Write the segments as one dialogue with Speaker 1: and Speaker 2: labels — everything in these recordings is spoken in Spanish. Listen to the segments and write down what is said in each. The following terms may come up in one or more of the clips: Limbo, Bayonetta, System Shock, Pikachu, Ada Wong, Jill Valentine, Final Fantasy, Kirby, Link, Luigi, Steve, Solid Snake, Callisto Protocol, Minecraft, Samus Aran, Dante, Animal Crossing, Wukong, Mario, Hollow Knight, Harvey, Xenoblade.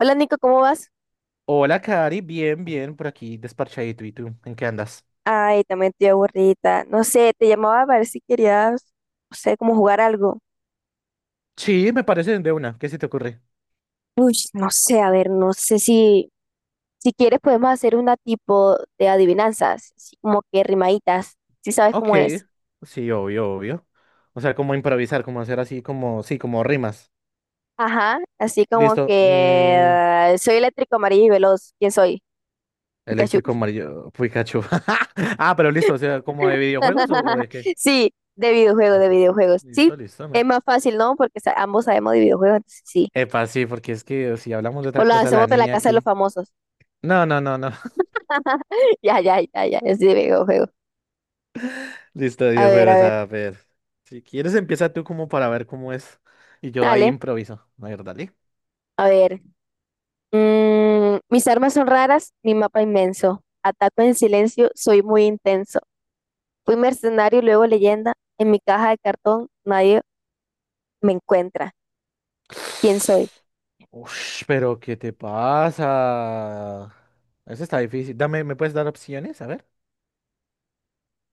Speaker 1: Hola Nico, ¿cómo vas?
Speaker 2: Hola, Cari, bien, bien, por aquí, desparchadito. ¿Y tú? ¿En qué andas?
Speaker 1: Ay, también estoy aburrida. No sé, te llamaba a ver si querías, no sé, como jugar algo.
Speaker 2: Sí, me parece de una. ¿Qué se te ocurre?
Speaker 1: Uy, no sé, a ver, no sé si, si quieres podemos hacer una tipo de adivinanzas, así como que rimaditas, si sabes
Speaker 2: Ok,
Speaker 1: cómo es.
Speaker 2: sí, obvio, obvio. O sea, como improvisar, como hacer así, como, sí, como rimas.
Speaker 1: Ajá, así como que
Speaker 2: Listo.
Speaker 1: soy eléctrico, amarillo y veloz. ¿Quién soy? Pikachu.
Speaker 2: Eléctrico amarillo, Pikachu. Ah, pero listo, o sea, ¿como de videojuegos o de qué?
Speaker 1: Sí, de videojuegos, de
Speaker 2: Listo,
Speaker 1: videojuegos. Sí,
Speaker 2: listo, listo,
Speaker 1: es
Speaker 2: man.
Speaker 1: más fácil, ¿no? Porque ambos sabemos de videojuegos, entonces sí.
Speaker 2: Epa, sí, porque es que si hablamos de
Speaker 1: O
Speaker 2: otra
Speaker 1: lo
Speaker 2: cosa, la
Speaker 1: hacemos de la
Speaker 2: niña
Speaker 1: casa de los
Speaker 2: aquí.
Speaker 1: famosos.
Speaker 2: No, no, no, no.
Speaker 1: Ya, ya, ya, ya, es de videojuego.
Speaker 2: Listo,
Speaker 1: A
Speaker 2: videojuegos,
Speaker 1: ver,
Speaker 2: a ver. Si quieres, empieza tú como para ver cómo es. Y yo ahí
Speaker 1: dale,
Speaker 2: improviso. A ver, dale.
Speaker 1: a ver. Mis armas son raras, mi mapa inmenso. Ataco en silencio, soy muy intenso. Fui mercenario, luego leyenda. En mi caja de cartón nadie me encuentra. ¿Quién soy?
Speaker 2: Ush, pero ¿qué te pasa? Eso está difícil. Dame, ¿me puedes dar opciones? A ver.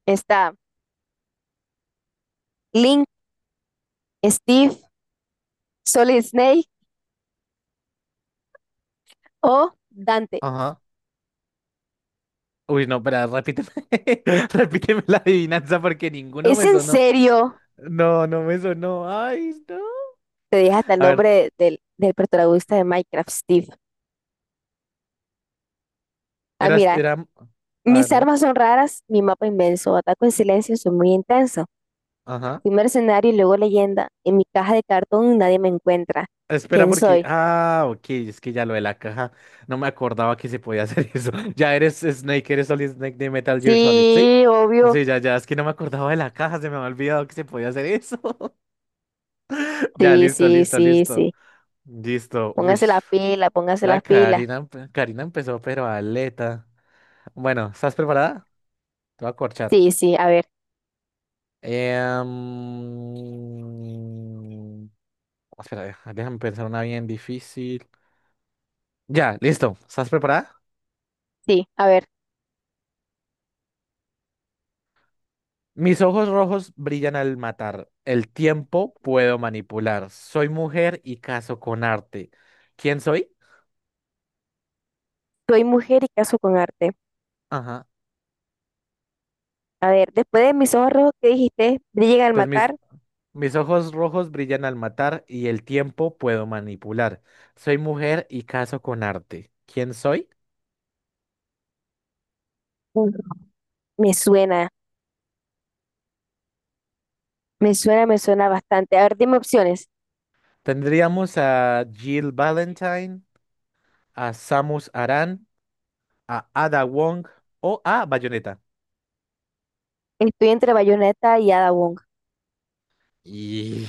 Speaker 1: Está Link, Steve, Solid Snake o Dante.
Speaker 2: Ajá. Uy, no, espera, repíteme. Repíteme la adivinanza porque ninguno
Speaker 1: ¿Es
Speaker 2: me
Speaker 1: en
Speaker 2: sonó.
Speaker 1: serio?
Speaker 2: No, no me sonó. Ay, no.
Speaker 1: Te dije hasta el
Speaker 2: A ver,
Speaker 1: nombre del, del protagonista de Minecraft, Steve. Ah,
Speaker 2: eras,
Speaker 1: mira,
Speaker 2: era. A ver,
Speaker 1: mis
Speaker 2: dime.
Speaker 1: armas son raras, mi mapa inmenso. Ataco en silencio, soy muy intenso.
Speaker 2: Ajá.
Speaker 1: Fui mercenario y luego leyenda. En mi caja de cartón nadie me encuentra.
Speaker 2: Espera,
Speaker 1: ¿Quién
Speaker 2: porque.
Speaker 1: soy?
Speaker 2: Ah, ok, es que ya lo de la caja. No me acordaba que se podía hacer eso. Ya eres Snake, eres Solid Snake de Metal Gear Solid, ¿sí?
Speaker 1: Sí, obvio.
Speaker 2: Sí, ya, ya, es que no me acordaba de la caja, se me había olvidado que se podía hacer eso. Ya,
Speaker 1: Sí,
Speaker 2: listo,
Speaker 1: sí,
Speaker 2: listo,
Speaker 1: sí,
Speaker 2: listo.
Speaker 1: sí.
Speaker 2: Listo, uy.
Speaker 1: Póngase la pila, póngase
Speaker 2: La
Speaker 1: las pilas.
Speaker 2: Karina, Karina empezó, pero aleta. Bueno, ¿estás preparada? Te voy a corchar.
Speaker 1: Sí, sí, a ver,
Speaker 2: Em, Espera, déjame pensar una bien difícil. Ya, listo. ¿Estás preparada?
Speaker 1: sí, a ver.
Speaker 2: Mis ojos rojos brillan al matar. El tiempo puedo manipular. Soy mujer y caso con arte. ¿Quién soy?
Speaker 1: Soy mujer y caso con arte.
Speaker 2: Ajá.
Speaker 1: A ver, después de mis ojos rojos que dijiste, brillan al
Speaker 2: Entonces mis,
Speaker 1: matar.
Speaker 2: Mis ojos rojos brillan al matar y el tiempo puedo manipular. Soy mujer y caso con arte. ¿Quién soy?
Speaker 1: Ujú. Me suena, me suena, me suena bastante. A ver, dime opciones.
Speaker 2: Tendríamos a Jill Valentine, a Samus Aran, a Ada Wong o a Bayonetta.
Speaker 1: Estoy entre Bayonetta y Ada Wong.
Speaker 2: Y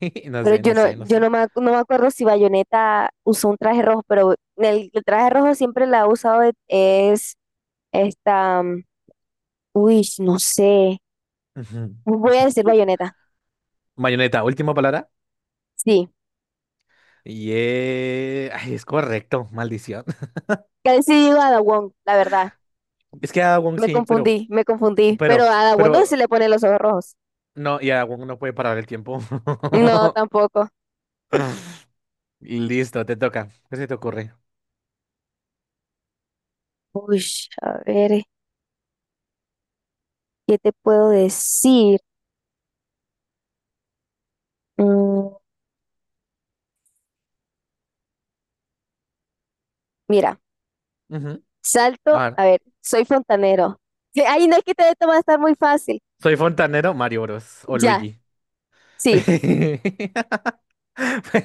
Speaker 2: no
Speaker 1: Pero
Speaker 2: sé,
Speaker 1: yo
Speaker 2: no
Speaker 1: no,
Speaker 2: sé, no
Speaker 1: yo
Speaker 2: sé.
Speaker 1: no me, no me acuerdo si Bayonetta usó un traje rojo, pero el traje rojo siempre la ha usado es esta, uy, no sé.
Speaker 2: Ujú.
Speaker 1: Voy a decir Bayonetta.
Speaker 2: Bayonetta, última palabra.
Speaker 1: Sí.
Speaker 2: Y ay, es correcto, maldición.
Speaker 1: Casi sí digo Ada Wong, la verdad.
Speaker 2: Es que a Wong
Speaker 1: Me
Speaker 2: sí,
Speaker 1: confundí, me confundí. Pero
Speaker 2: pero,
Speaker 1: a Ada Wong no se
Speaker 2: pero,
Speaker 1: le ponen los ojos rojos.
Speaker 2: no, y a Wong no puede parar el tiempo.
Speaker 1: No, tampoco.
Speaker 2: Listo, te toca. ¿Qué se te ocurre?
Speaker 1: Uy, a ver, ¿qué te puedo decir? Mm, mira,
Speaker 2: Ujú. A
Speaker 1: salto,
Speaker 2: ver,
Speaker 1: a ver, soy fontanero. Sí, ay, no, es que te toma estar muy fácil.
Speaker 2: soy fontanero, Mario Bros. O
Speaker 1: Ya,
Speaker 2: Luigi.
Speaker 1: sí.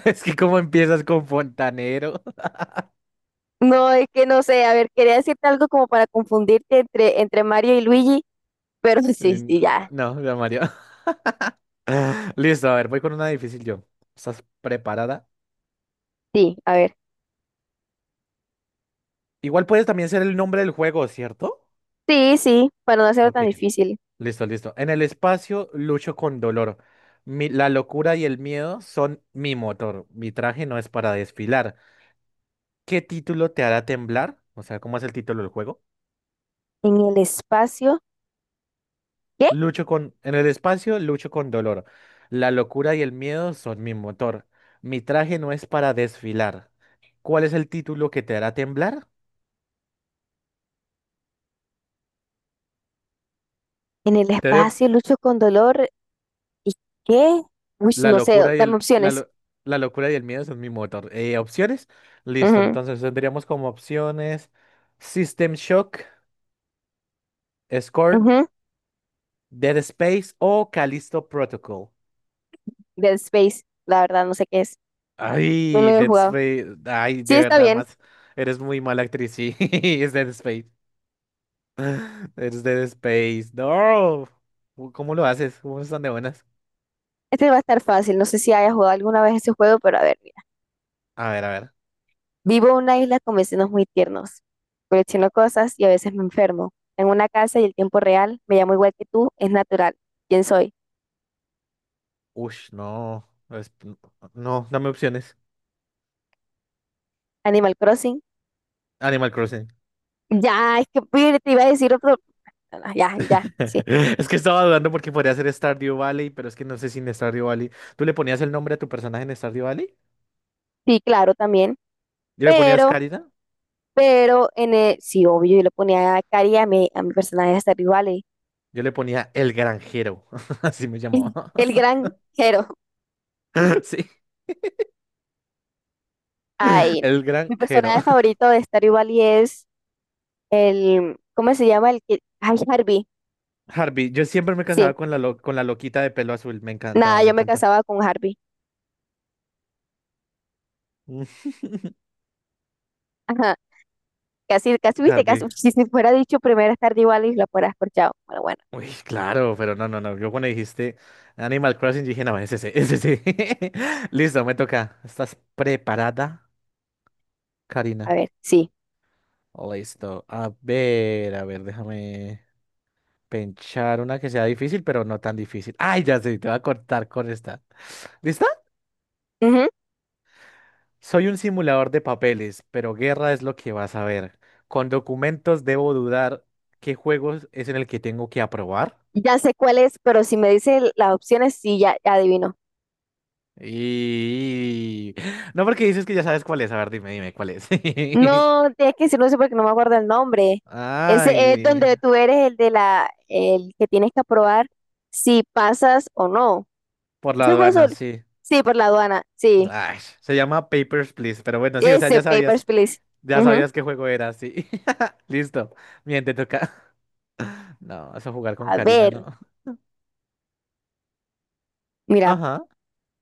Speaker 2: Es que cómo empiezas con fontanero.
Speaker 1: No, es que no sé, a ver, quería decirte algo como para confundirte entre Mario y Luigi, pero sí,
Speaker 2: Mm,
Speaker 1: sí, ya,
Speaker 2: No, ya Mario. Listo, a ver, voy con una difícil yo. ¿Estás preparada?
Speaker 1: sí, a ver.
Speaker 2: Igual puedes también ser el nombre del juego, ¿cierto?
Speaker 1: Sí, sí, para no hacerlo
Speaker 2: Ok.
Speaker 1: tan difícil.
Speaker 2: Listo, listo. En el espacio lucho con dolor. La locura y el miedo son mi motor. Mi traje no es para desfilar. ¿Qué título te hará temblar? O sea, ¿cómo es el título del juego?
Speaker 1: En el espacio, ¿qué?
Speaker 2: En el espacio lucho con dolor. La locura y el miedo son mi motor. Mi traje no es para desfilar. ¿Cuál es el título que te hará temblar?
Speaker 1: En el
Speaker 2: Te doy op-
Speaker 1: espacio lucho con dolor, ¿y qué? Uy,
Speaker 2: La
Speaker 1: no sé,
Speaker 2: locura y
Speaker 1: dame
Speaker 2: el... La,
Speaker 1: opciones.
Speaker 2: lo- la locura y el miedo son mi motor. ¿Opciones? Listo,
Speaker 1: Ujú,
Speaker 2: entonces tendríamos como opciones System Shock, Scorn,
Speaker 1: ujú,
Speaker 2: Dead Space o Callisto Protocol.
Speaker 1: Dead Space, la verdad, no sé qué es, no lo
Speaker 2: Ay,
Speaker 1: he
Speaker 2: Dead
Speaker 1: jugado.
Speaker 2: Space. Ay,
Speaker 1: Sí,
Speaker 2: de
Speaker 1: está
Speaker 2: verdad,
Speaker 1: bien,
Speaker 2: más. Eres muy mala actriz, sí. Es Dead Space. Eres Dead Space. No. Uy, ¿cómo lo haces? ¿Cómo están de buenas?
Speaker 1: este va a estar fácil, no sé si haya jugado alguna vez ese juego, pero a ver.
Speaker 2: A ver, a ver.
Speaker 1: Vivo en una isla con vecinos muy tiernos. Colecciono cosas y a veces me enfermo. En una casa y el tiempo real, me llamo igual que tú, es natural. ¿Quién soy?
Speaker 2: Ush, no. Es- No, dame opciones.
Speaker 1: Animal Crossing.
Speaker 2: Animal Crossing.
Speaker 1: Ya, es que pide, te iba a decir otro. No, no, ya, ya, sí.
Speaker 2: Es que estaba dudando porque podría ser Stardew Valley, pero es que no sé si en Stardew Valley. ¿Tú le ponías el nombre a tu personaje en Stardew Valley?
Speaker 1: Sí, claro, también.
Speaker 2: ¿Y le ponías
Speaker 1: Pero,
Speaker 2: Carita?
Speaker 1: pero, en el... sí, obvio, yo le ponía a Cari a mi personaje de Stardew Valley.
Speaker 2: Yo le ponía el granjero, así me llamaba.
Speaker 1: El gran Jero.
Speaker 2: Sí,
Speaker 1: Ay, no.
Speaker 2: el
Speaker 1: Mi
Speaker 2: granjero.
Speaker 1: personaje favorito de Stardew Valley es el. ¿Cómo se llama? El que. Ay, Harvey.
Speaker 2: Harvey, yo siempre me
Speaker 1: Sí.
Speaker 2: casaba con con la loquita de pelo azul, me encantaba,
Speaker 1: Nada,
Speaker 2: me
Speaker 1: yo me
Speaker 2: encanta.
Speaker 1: casaba con Harvey. Ajá, casi, casi, viste, casi,
Speaker 2: Harvey.
Speaker 1: si se fuera dicho primera tarde igual y lo fuera escorchado. Bueno, bueno,
Speaker 2: Uy, claro, pero no, no, no. Yo cuando dijiste Animal Crossing dije, no, ese, es ese. Sí. Listo, me toca. ¿Estás preparada,
Speaker 1: a
Speaker 2: Karina?
Speaker 1: ver, sí.
Speaker 2: Listo. A ver, déjame pensar una que sea difícil, pero no tan difícil. Ay, ya sé, te voy a cortar con esta. ¿Lista?
Speaker 1: Ujú.
Speaker 2: Soy un simulador de papeles, pero guerra es lo que vas a ver. Con documentos debo dudar qué juegos es en el que tengo que aprobar.
Speaker 1: Ya sé cuál es, pero si me dice las opciones, sí, ya, ya adivino.
Speaker 2: Y... No porque dices que ya sabes cuál es. A ver, dime, dime cuál es.
Speaker 1: No, tienes que decirlo eso porque no me acuerdo el nombre. Ese es
Speaker 2: Ay,
Speaker 1: donde tú eres el de la, el que tienes que aprobar si pasas o no.
Speaker 2: por la
Speaker 1: ¿Ese juego
Speaker 2: aduana,
Speaker 1: solo?
Speaker 2: sí.
Speaker 1: Sí, por la aduana, sí.
Speaker 2: Ay, se llama Papers, Please. Pero bueno, sí, o sea,
Speaker 1: Ese,
Speaker 2: ya
Speaker 1: Papers,
Speaker 2: sabías.
Speaker 1: Please.
Speaker 2: Ya
Speaker 1: Ujú.
Speaker 2: sabías qué juego era, sí. Listo. Bien, te toca. No, vas a jugar con
Speaker 1: A
Speaker 2: Karina,
Speaker 1: ver,
Speaker 2: no.
Speaker 1: mira.
Speaker 2: Ajá.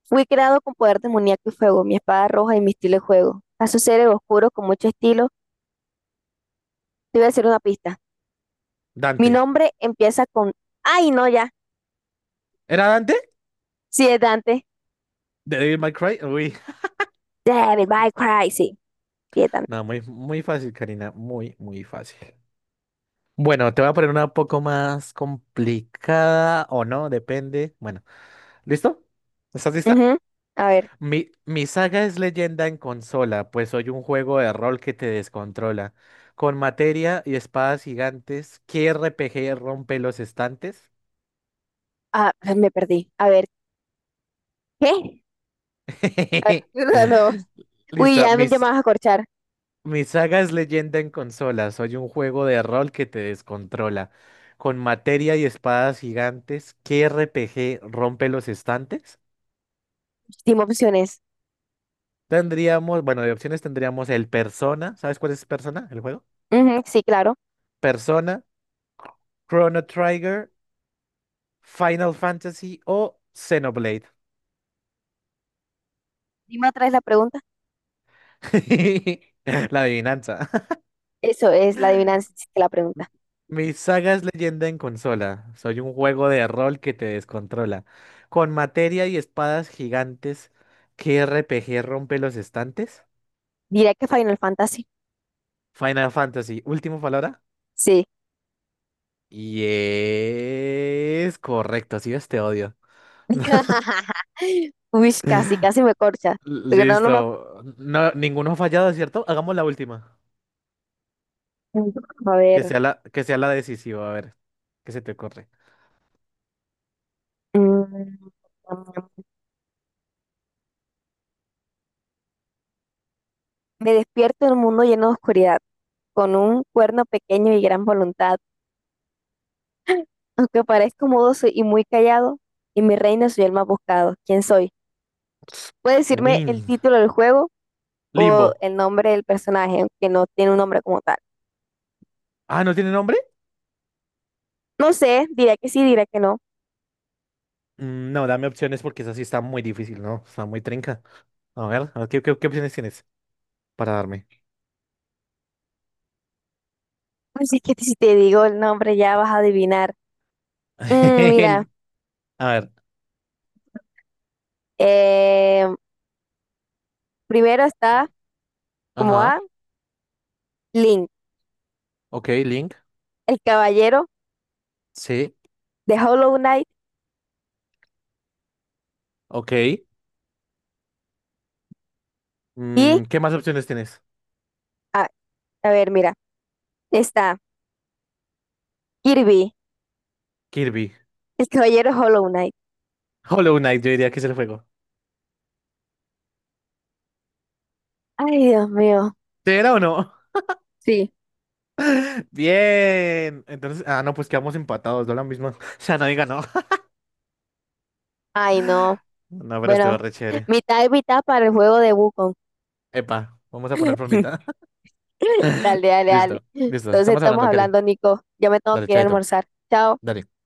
Speaker 1: Fui creado con poder demoníaco y fuego, mi espada roja y mi estilo de juego. A su seres oscuros con mucho estilo. Te voy a hacer una pista. Mi
Speaker 2: Dante.
Speaker 1: nombre empieza con. ¡Ay, no, ya!
Speaker 2: ¿Era Dante?
Speaker 1: Sí, es Dante.
Speaker 2: ¿De Devil May Cry? Uy.
Speaker 1: David by Cry. Sí, sí, es Dante.
Speaker 2: No, muy, muy fácil, Karina. Muy, muy fácil. Bueno, te voy a poner una poco más complicada o no, depende. Bueno, ¿listo? ¿Estás lista?
Speaker 1: Ujú. A ver.
Speaker 2: Mi saga es leyenda en consola, pues soy un juego de rol que te descontrola. Con materia y espadas gigantes, ¿qué RPG rompe los estantes?
Speaker 1: Ah, me perdí. A ver. ¿Qué? A ver, no, no. Uy,
Speaker 2: Listo,
Speaker 1: ya me
Speaker 2: mis,
Speaker 1: llamabas a corchar.
Speaker 2: Mi saga es leyenda en consola. Soy un juego de rol que te descontrola. Con materia y espadas gigantes, ¿qué RPG rompe los estantes?
Speaker 1: Dime opciones.
Speaker 2: Tendríamos, bueno, de opciones tendríamos el Persona. ¿Sabes cuál es Persona, el juego?
Speaker 1: Ujú, sí, claro.
Speaker 2: Persona, Chrono Trigger, Final Fantasy o Xenoblade.
Speaker 1: Dime otra vez la pregunta.
Speaker 2: La adivinanza.
Speaker 1: Eso es la adivinanza, sí, que la pregunta.
Speaker 2: Mi saga es leyenda en consola. Soy un juego de rol que te descontrola. Con materia y espadas gigantes, ¿qué RPG rompe los estantes?
Speaker 1: Diré que Final Fantasy.
Speaker 2: Final Fantasy, última palabra.
Speaker 1: Sí.
Speaker 2: Y es correcto, sí ves, te odio.
Speaker 1: Uy, casi, casi me corcha. Pero no, no me
Speaker 2: Listo. No, ninguno ha fallado, ¿cierto? Hagamos la última.
Speaker 1: Mm, a ver,
Speaker 2: Que sea la decisiva, a ver. ¿Qué se te ocurre?
Speaker 1: mm, me despierto en un mundo lleno de oscuridad, con un cuerno pequeño y gran voluntad. Aunque parezco mudo y muy callado, y mi reino soy el más buscado. ¿Quién soy? Puede decirme el
Speaker 2: Win.
Speaker 1: título del juego o
Speaker 2: Limbo.
Speaker 1: el nombre del personaje, aunque no tiene un nombre como tal.
Speaker 2: Ah, ¿no tiene nombre?
Speaker 1: No sé, dirá que sí, dirá que no.
Speaker 2: No, dame opciones porque esa sí está muy difícil, ¿no? Está muy trinca. A ver, ¿qué, qué, qué opciones tienes para darme?
Speaker 1: Así es que si te digo el nombre ya vas a adivinar. Mm, mira,
Speaker 2: A ver.
Speaker 1: eh, primero está como
Speaker 2: Ajá.
Speaker 1: A, Link,
Speaker 2: Ok, Link.
Speaker 1: el caballero
Speaker 2: Sí.
Speaker 1: de Hollow Knight
Speaker 2: Ok.
Speaker 1: y...
Speaker 2: Mm, ¿qué más opciones tienes?
Speaker 1: A ver, mira, está Kirby,
Speaker 2: Kirby.
Speaker 1: el caballero Hollow Knight.
Speaker 2: Hollow Knight, yo diría que es el juego.
Speaker 1: Ay, Dios mío.
Speaker 2: ¿Sí era o no?
Speaker 1: Sí.
Speaker 2: Bien. Entonces, ah, no, pues quedamos empatados, no la misma. O sea, nadie ganó.
Speaker 1: Ay, no.
Speaker 2: No, pero estuvo
Speaker 1: Bueno,
Speaker 2: re chévere.
Speaker 1: mitad y mitad para el juego de Wukong.
Speaker 2: Epa, vamos a poner formita.
Speaker 1: Dale, dale, dale.
Speaker 2: Listo, listo.
Speaker 1: Entonces
Speaker 2: Estamos
Speaker 1: estamos
Speaker 2: hablando, Cari.
Speaker 1: hablando, Nico. Yo me tengo
Speaker 2: Dale,
Speaker 1: que ir a
Speaker 2: chaito.
Speaker 1: almorzar. Chao.
Speaker 2: Dale.